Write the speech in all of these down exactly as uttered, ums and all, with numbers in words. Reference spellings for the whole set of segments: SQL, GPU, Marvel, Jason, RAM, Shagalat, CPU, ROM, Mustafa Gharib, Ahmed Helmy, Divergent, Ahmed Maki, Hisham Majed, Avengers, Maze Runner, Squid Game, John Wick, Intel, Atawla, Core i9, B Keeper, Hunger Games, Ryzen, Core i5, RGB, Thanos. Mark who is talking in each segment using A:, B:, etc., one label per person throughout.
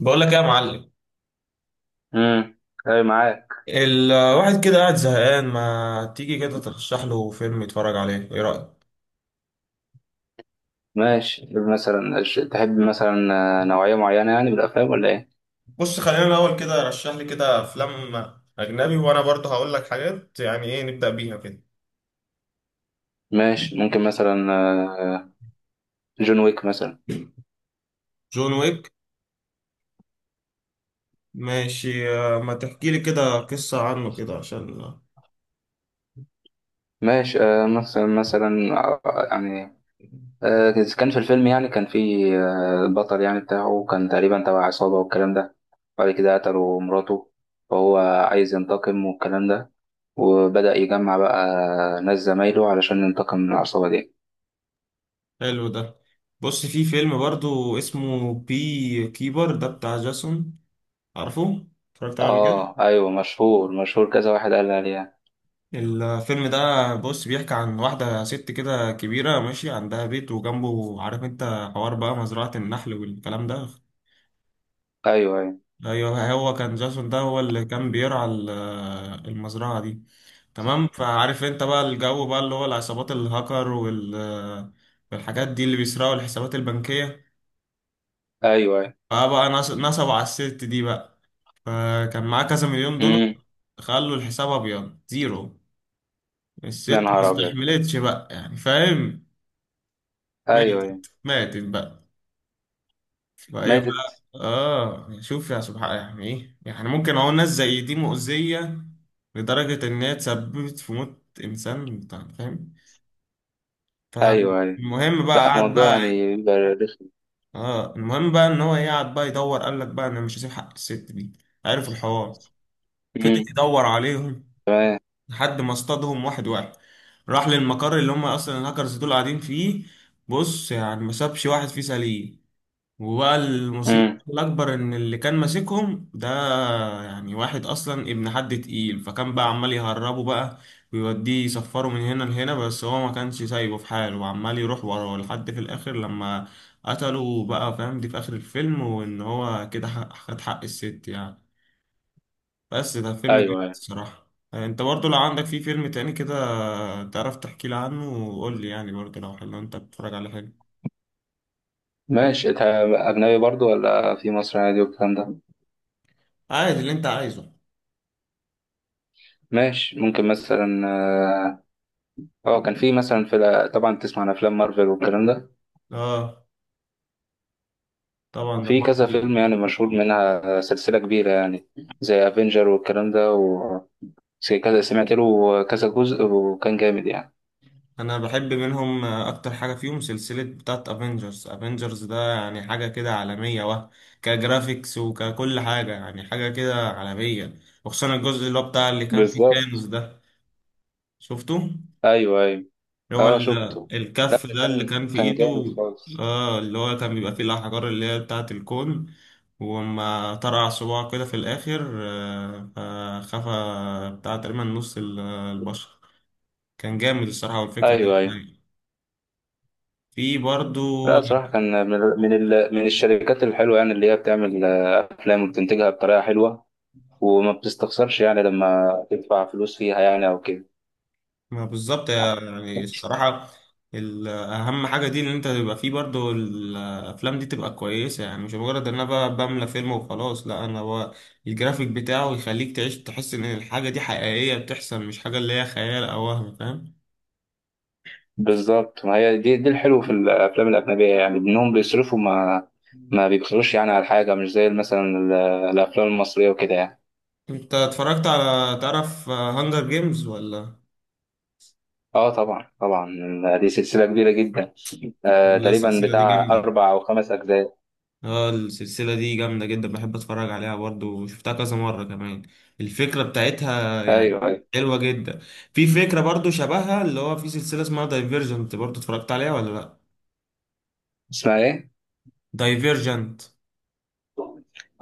A: بقول لك ايه يا معلم.
B: امم. اي معاك.
A: الواحد كده قاعد زهقان، ما تيجي كده ترشح له فيلم يتفرج عليه؟ ايه رأيك؟
B: ماشي مثلا. تحب مثلا. آه، نوعية معينة يعني بالأفلام ولا إيه؟
A: بص، خلينا الاول كده رشح لي كده افلام اجنبي، وانا برضه هقول لك حاجات، يعني ايه نبدأ بيها كده؟
B: ماشي ممكن مثلا. آه، جون ويك مثلا.
A: جون ويك. ماشي آه، ما تحكي لي كده قصة عنه كده عشان.
B: ماشي آه، مثلا مثلا آه، يعني آه، كان في الفيلم يعني كان في آه، البطل يعني بتاعه كان تقريبا تبع عصابة والكلام ده. بعد كده قتلوا مراته فهو عايز ينتقم والكلام ده. وبدأ يجمع بقى ناس زمايله علشان ينتقم من العصابة دي.
A: حلو ده. بص، في فيلم برضه اسمه بي كيبر ده بتاع جاسون. عارفه؟ اتفرجت عليه قبل كده؟
B: اه ايوه، مشهور مشهور، كذا واحد قال لي عليها.
A: الفيلم ده، بص، بيحكي عن واحدة ست كده كبيرة ماشي، عندها بيت وجنبه، عارف انت، حوار بقى مزرعة النحل والكلام ده.
B: ايوه ايوه.
A: ايوه، هو كان جاسون ده هو اللي كان بيرعى ال- آه، المزرعة دي. تمام، فعارف انت بقى الجو بقى اللي هو العصابات الهاكر وال آه، والحاجات دي اللي بيسرقوا الحسابات البنكية.
B: ايوه ايوه.
A: فبقى نص- نصبوا على الست دي بقى. فكان معاه كذا مليون دولار.
B: امم.
A: خلوا الحساب ابيض زيرو. الست
B: يا نهار
A: ما
B: ابيض.
A: استحملتش بقى، يعني فاهم.
B: ايوه ايوه.
A: ماتت ماتت بقى. فايه
B: ماتت.
A: بقى اه، شوف يا سبحان، يعني ايه يعني، ممكن اهو ناس زي دي مؤذية لدرجة ان هي تسببت في موت انسان بتاع- فاهم.
B: ايوه ايوه.
A: فالمهم بقى
B: لا،
A: قعد
B: الموضوع
A: بقى.
B: يعني بيبقى رخم.
A: اه المهم بقى ان هو إيه، قعد بقى يدور، قال لك بقى انا مش هسيب حق الست دي. عارف الحوار. فضل
B: امم.
A: يدور عليهم
B: تمام.
A: لحد ما اصطادهم واحد واحد. راح للمقر اللي هم اصلا الهاكرز دول قاعدين فيه. بص، يعني ما سابش واحد فيه سليم. وبقى المصيبة
B: امم.
A: الأكبر إن اللي كان ماسكهم ده يعني واحد أصلا ابن حد تقيل، فكان بقى عمال يهربه بقى ويوديه يسفره من هنا لهنا، بس هو ما كانش سايبه في حاله وعمال يروح وراه لحد في الآخر، لما قتله بقى، فاهم، دي في آخر الفيلم، وإن هو كده حق- خد حق الست يعني. بس ده فيلم
B: ايوه
A: جامد
B: ايوه.
A: الصراحة. أنت برضو لو عندك فيه فيلم تاني كده تعرف تحكي لي عنه، وقول لي يعني برضو لو حلو، أنت بتتفرج على حاجة
B: ماشي، انت اجنبي برضو ولا في مصر عادي والكلام ده؟
A: عادي اللي أنت عايزه.
B: ماشي ممكن مثلا اه. آه، كان في مثلا في ال- طبعا تسمع عن افلام مارفل والكلام ده.
A: اه طبعا ده
B: في كذا
A: مصري.
B: فيلم يعني مشهور منها سلسلة كبيرة يعني، زي افنجر والكلام ده، و زي كذا سمعت له كذا جزء وكان جامد يعني.
A: انا بحب منهم، آه، اكتر حاجه فيهم سلسله بتاعت افنجرز. افنجرز ده يعني حاجه كده عالميه، وه كجرافيكس وككل حاجه، يعني حاجه كده عالميه. وخصوصا الجزء اللي هو بتاع اللي كان فيه ثانوس
B: بالظبط.
A: ده. شفته؟
B: ايوه ايوه.
A: اللي هو
B: اه
A: ال-
B: شفته. لا
A: الكف
B: ده
A: ده اللي
B: كان
A: كان في
B: كان
A: ايده.
B: جامد خالص.
A: اه اللي هو كان بيبقى فيه الاحجار اللي هي بتاعت الكون، وما طرع صباعه كده في الاخر آه، فخفى بتاع تقريبا نص ال- البشر. كان جامد الصراحه، والفكره
B: ايوه ايوه.
A: في برضو.
B: لا صراحه كان من من ال... من الشركات الحلوه يعني، اللي هي بتعمل آه، افلام وبتنتجها بطريقه حلوه. وما بتستخسرش يعني لما تدفع فلوس فيها يعني او كده.
A: ما بالظبط يعني الصراحة. ال- أهم حاجة دي إن أنت تبقى فيه برضو الأفلام دي تبقى كويسة، يعني مش مجرد إن أنا بقى بملى فيلم وخلاص، لا، أنا هو الجرافيك بتاعه يخليك تعيش، تحس إن الحاجة دي حقيقية بتحصل، مش حاجة اللي هي خيال أو وهم، فاهم.
B: بالظبط، ما هي دي دي الحلو في الافلام الاجنبيه يعني، انهم بيصرفوا، ما ما بيبخلوش يعني على حاجه، مش زي مثلا ال- الافلام المصريه وكده يعني.
A: أنت اتفرجت على، تعرف، هانجر جيمز ولا؟
B: اه طبعا طبعا. دي سلسله كبيره جدا. آه تقريبا
A: السلسلة دي
B: بتاع
A: جامدة.
B: اربع او خمس اجزاء.
A: اه السلسلة دي جامدة جدا، بحب اتفرج عليها برضو وشفتها كذا مرة كمان. الفكرة بتاعتها يعني
B: ايوه أيوه.
A: حلوة جدا. في فكرة برضو شبهها اللي هو في سلسلة اسمها دايفيرجنت، برضو اتفرجت عليها ولا لا؟
B: اسمها ايه؟
A: دايفيرجنت.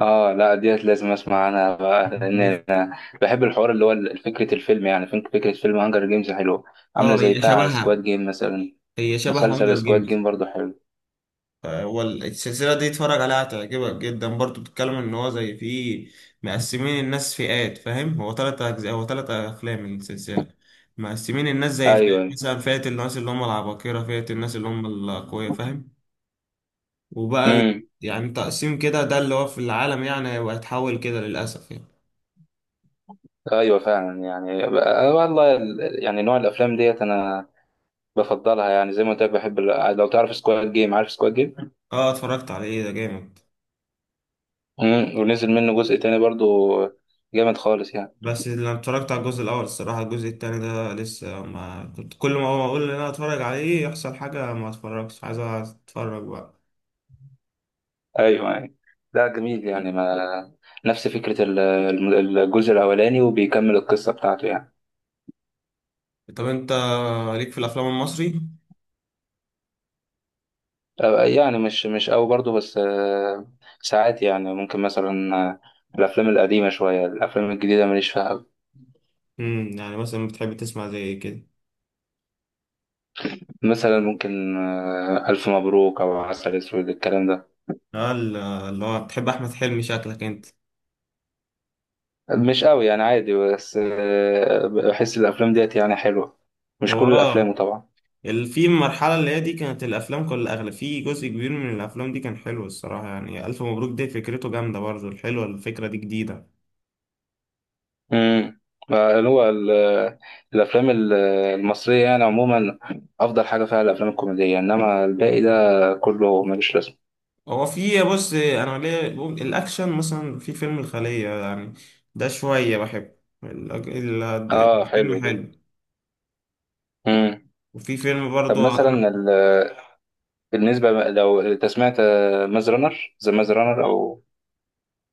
B: اه لا، ديت لازم اسمع عنها بقى، لان انا بحب الحوار اللي هو ال- فكره الفيلم يعني فك- فكره فيلم هانجر جيمز حلوه. عامله
A: اه
B: زي
A: هي
B: بتاع سكواد
A: شبهها،
B: جيم مثلا.
A: هي شبه
B: مسلسل
A: هانجر
B: سكواد
A: جيمز.
B: جيم برضو حلو.
A: هو السلسلة دي اتفرج عليها هتعجبك جدا برضو، بتتكلم ان هو زي في، مقسمين الناس فئات، فاهم، هو تلات اجزاء، هو تلات افلام من السلسلة. مقسمين الناس زي مم. فئات،
B: ايوه.
A: مثلا فئة الناس اللي هم العباقرة، فئة الناس اللي هم الاقوياء، فاهم. وبقى ال-
B: امم.
A: يعني تقسيم كده ده اللي هو في العالم يعني، وهيتحول كده للأسف يعني.
B: ايوه فعلا يعني بقى- والله ال- يعني نوع الافلام ديت انا بفضلها يعني، زي ما قلت لك، بحب ال- لو تعرف سكواد جيم، عارف سكواد جيم.
A: اه اتفرجت على ايه ده جامد.
B: امم. ونزل منه جزء تاني برضو. جامد خالص يعني.
A: بس لما اتفرجت على الجزء الأول الصراحة، الجزء التاني ده لسه ما كنت، كل ما هو أقول إن أنا أتفرج عليه يحصل حاجة ما أتفرجش. عايز أتفرج بقى.
B: ايوه ايوه. لا جميل يعني، ما نفس فكرة ال- الم- الجزء الأولاني وبيكمل القصة بتاعته يعني.
A: طب انت ليك في الافلام المصري؟
B: آه، يعني مش مش قوي برضه، بس. آه، ساعات يعني ممكن مثلا. آه، الأفلام القديمة شوية، الأفلام الجديدة ماليش فيها أوي.
A: امم يعني مثلا بتحب تسمع زي إيه كده.
B: مثلا ممكن آه، ألف مبروك أو عسل أسود الكلام ده.
A: اه ال- اللي هو بتحب احمد حلمي شكلك انت.
B: مش قوي يعني، عادي، بس آه، بحس الأفلام ديت يعني حلوة. مش
A: هو
B: كل
A: اه
B: الأفلام طبعا.
A: ال- في المرحلة اللي هي دي كانت الأفلام كل أغلب، في جزء كبير من الأفلام دي كان حلو الصراحة. يعني ألف مبروك دي فكرته جامدة برضه الحلوة، الفكرة دي جديدة.
B: امم. هو ال- الافلام ال- المصريه يعني عموما افضل حاجه فيها الافلام الكوميديه، انما الباقي ده كله ملوش لازمه.
A: هو في، بص، انا ليه بقول الاكشن مثلا في فيلم الخلية يعني. ده شوية بحبه. ال- ال-
B: اه حلو
A: الفيلم
B: ده.
A: حلو.
B: امم.
A: وفي فيلم
B: طب
A: برضو
B: مثلا
A: انا.
B: ال- بالنسبه بقى- لو انت سمعت ماز رانر، ذا ماز رانر او...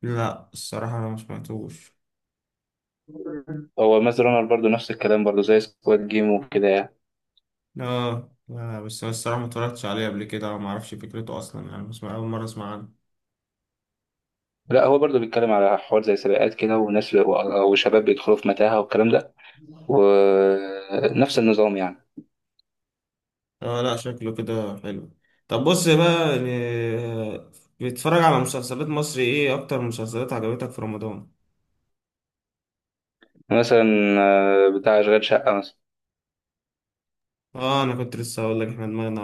A: لا الصراحة انا ما سمعتوش.
B: هو ماز رانر برضه نفس الكلام، برضه زي سكواد جيم وكده يعني.
A: اه لا، بس انا الصراحه ما اتفرجتش عليه قبل كده، ما اعرفش فكرته اصلا، يعني بسمع اول مره اسمع عنه.
B: لا هو برضه بيتكلم على حوار زي سباقات كده، وناس و- وشباب بيدخلوا في متاهة والكلام ده. ونفس النظام يعني.
A: اه لا، شكله كده حلو. طب بص بقى يعني، آه، بتتفرج على مسلسلات مصري ايه؟ اكتر مسلسلات عجبتك في رمضان.
B: مثلا آه، بتاع أشغال شقة مثلا.
A: اه انا كنت لسه هقول لك، احنا دماغنا.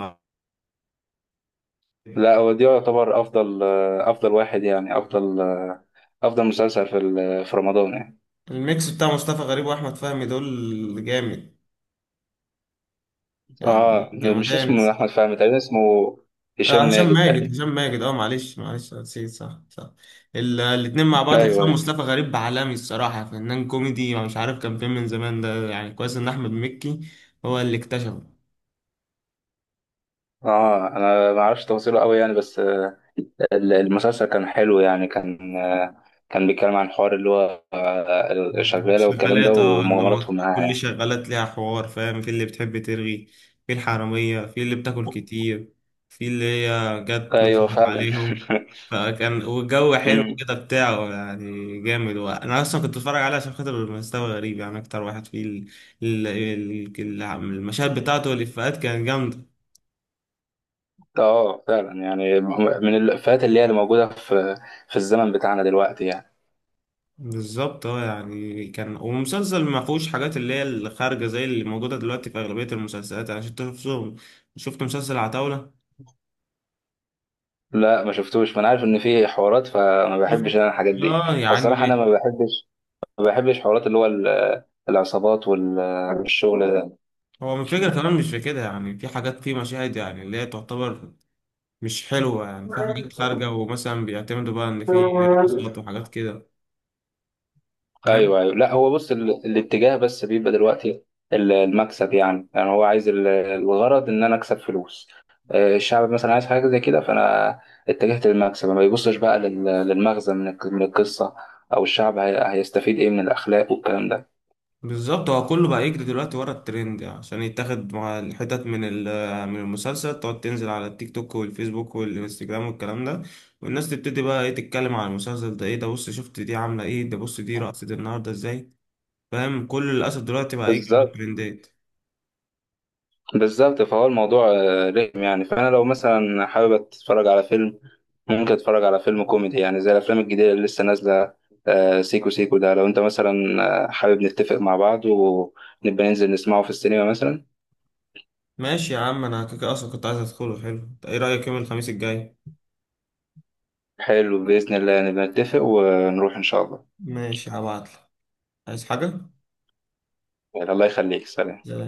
B: لا هو دي يعتبر افضل، افضل واحد يعني، افضل افضل مسلسل في ال- في رمضان يعني.
A: الميكس بتاع مصطفى غريب واحمد فهمي دول جامد، يعني
B: اه مش
A: جمدان.
B: اسمه احمد فهمي تقريبا، اسمه هشام
A: آه هشام
B: ماجد
A: ماجد،
B: تقريبا.
A: هشام ماجد، اه معلش معلش نسيت، صح صح. ال- الاتنين مع بعض،
B: ايوه
A: خصوصا
B: أيوة.
A: مصطفى غريب عالمي الصراحة. فنان كوميدي، مش عارف كان فين من زمان ده، يعني كويس ان احمد مكي هو اللي اكتشفه.
B: اه انا ما اعرفش تفاصيله قوي يعني، بس. آه، ال- المسلسل كان حلو يعني، كان. آه، كان بيتكلم عن حوار اللي هو آه، الشغاله والكلام ده،
A: شغالات اه، ان هو
B: ومغامراتهم معاها
A: كل
B: يعني.
A: شغالات ليها حوار، فاهم، في اللي بتحب ترغي، في الحرامية، في اللي بتاكل كتير، في اللي هي جت
B: ايوه
A: نصبت
B: فعلا.
A: عليهم. فكان والجو حلو
B: مم.
A: كده بتاعه يعني جامد. انا اصلا كنت بتفرج عليه عشان خاطر مستوى غريب يعني، اكتر واحد فيه ال- ال- ال- ال- المشاهد بتاعته والافيهات كانت جامدة.
B: اه فعلا يعني، من الافيهات اللي هي اللي موجوده في في الزمن بتاعنا دلوقتي يعني.
A: بالظبط اه يعني كان، ومسلسل ما فيهوش حاجات اللي هي الخارجة زي اللي موجودة دلوقتي في أغلبية المسلسلات، يعني عشان تشوفهم. شفت مسلسل عتاولة؟
B: لا ما شفتوش، ما انا عارف ان في حوارات، فما
A: شفت؟
B: بحبش انا الحاجات دي.
A: اه يعني،
B: الصراحه انا ما بحبش، ما بحبش حوارات اللي هو ال- العصابات والشغل ده.
A: هو من فكرة كمان مش في كده يعني، في حاجات في مشاهد يعني اللي هي تعتبر مش حلوة، يعني في حاجات خارجة، ومثلا بيعتمدوا بقى إن في رقصات وحاجات كده، فاهم.
B: ايوه ايوه. لا هو بص، ال... الاتجاه بس بيبقى دلوقتي ال- المكسب يعني يعني هو عايز ال- الغرض ان انا اكسب فلوس. آه، الشعب مثلا عايز حاجه زي كده، فانا اتجهت للمكسب، ما بيبصش بقى لل... للمغزى من الك- من القصه، او الشعب هي... هيستفيد ايه من الاخلاق والكلام ده.
A: بالظبط، هو كله بقى يجري دلوقتي ورا الترند يعني، عشان يتاخد مع الحتت من ال- من المسلسل. تقعد تنزل على التيك توك والفيسبوك والانستجرام والكلام ده. والناس تبتدي بقى ايه تتكلم على المسلسل ده، ايه ده بص شفت دي عاملة ايه، ده بص دي رقصت النهاردة ازاي، فاهم، كل للأسف دلوقتي بقى يجري ورا
B: بالظبط،
A: الترندات.
B: بالظبط، فهو الموضوع آه، رخم يعني. فانا لو مثلا حابب اتفرج على فيلم، ممكن اتفرج على فيلم كوميدي يعني، زي الافلام الجديده اللي لسه نازله. آه، سيكو سيكو ده، لو انت مثلا آه، حابب نتفق مع بعض ونبقى ننزل نسمعه في السينما مثلا.
A: ماشي يا عم، انا كده كده اصلا كنت عايز ادخله. حلو، ايه رأيك يوم الخميس الجاي؟
B: حلو، باذن الله نبقى نتفق ونروح ان شاء الله.
A: ماشي هبعتلك. عايز حاجة؟
B: يعني الله يخليك،
A: زي.
B: سلام.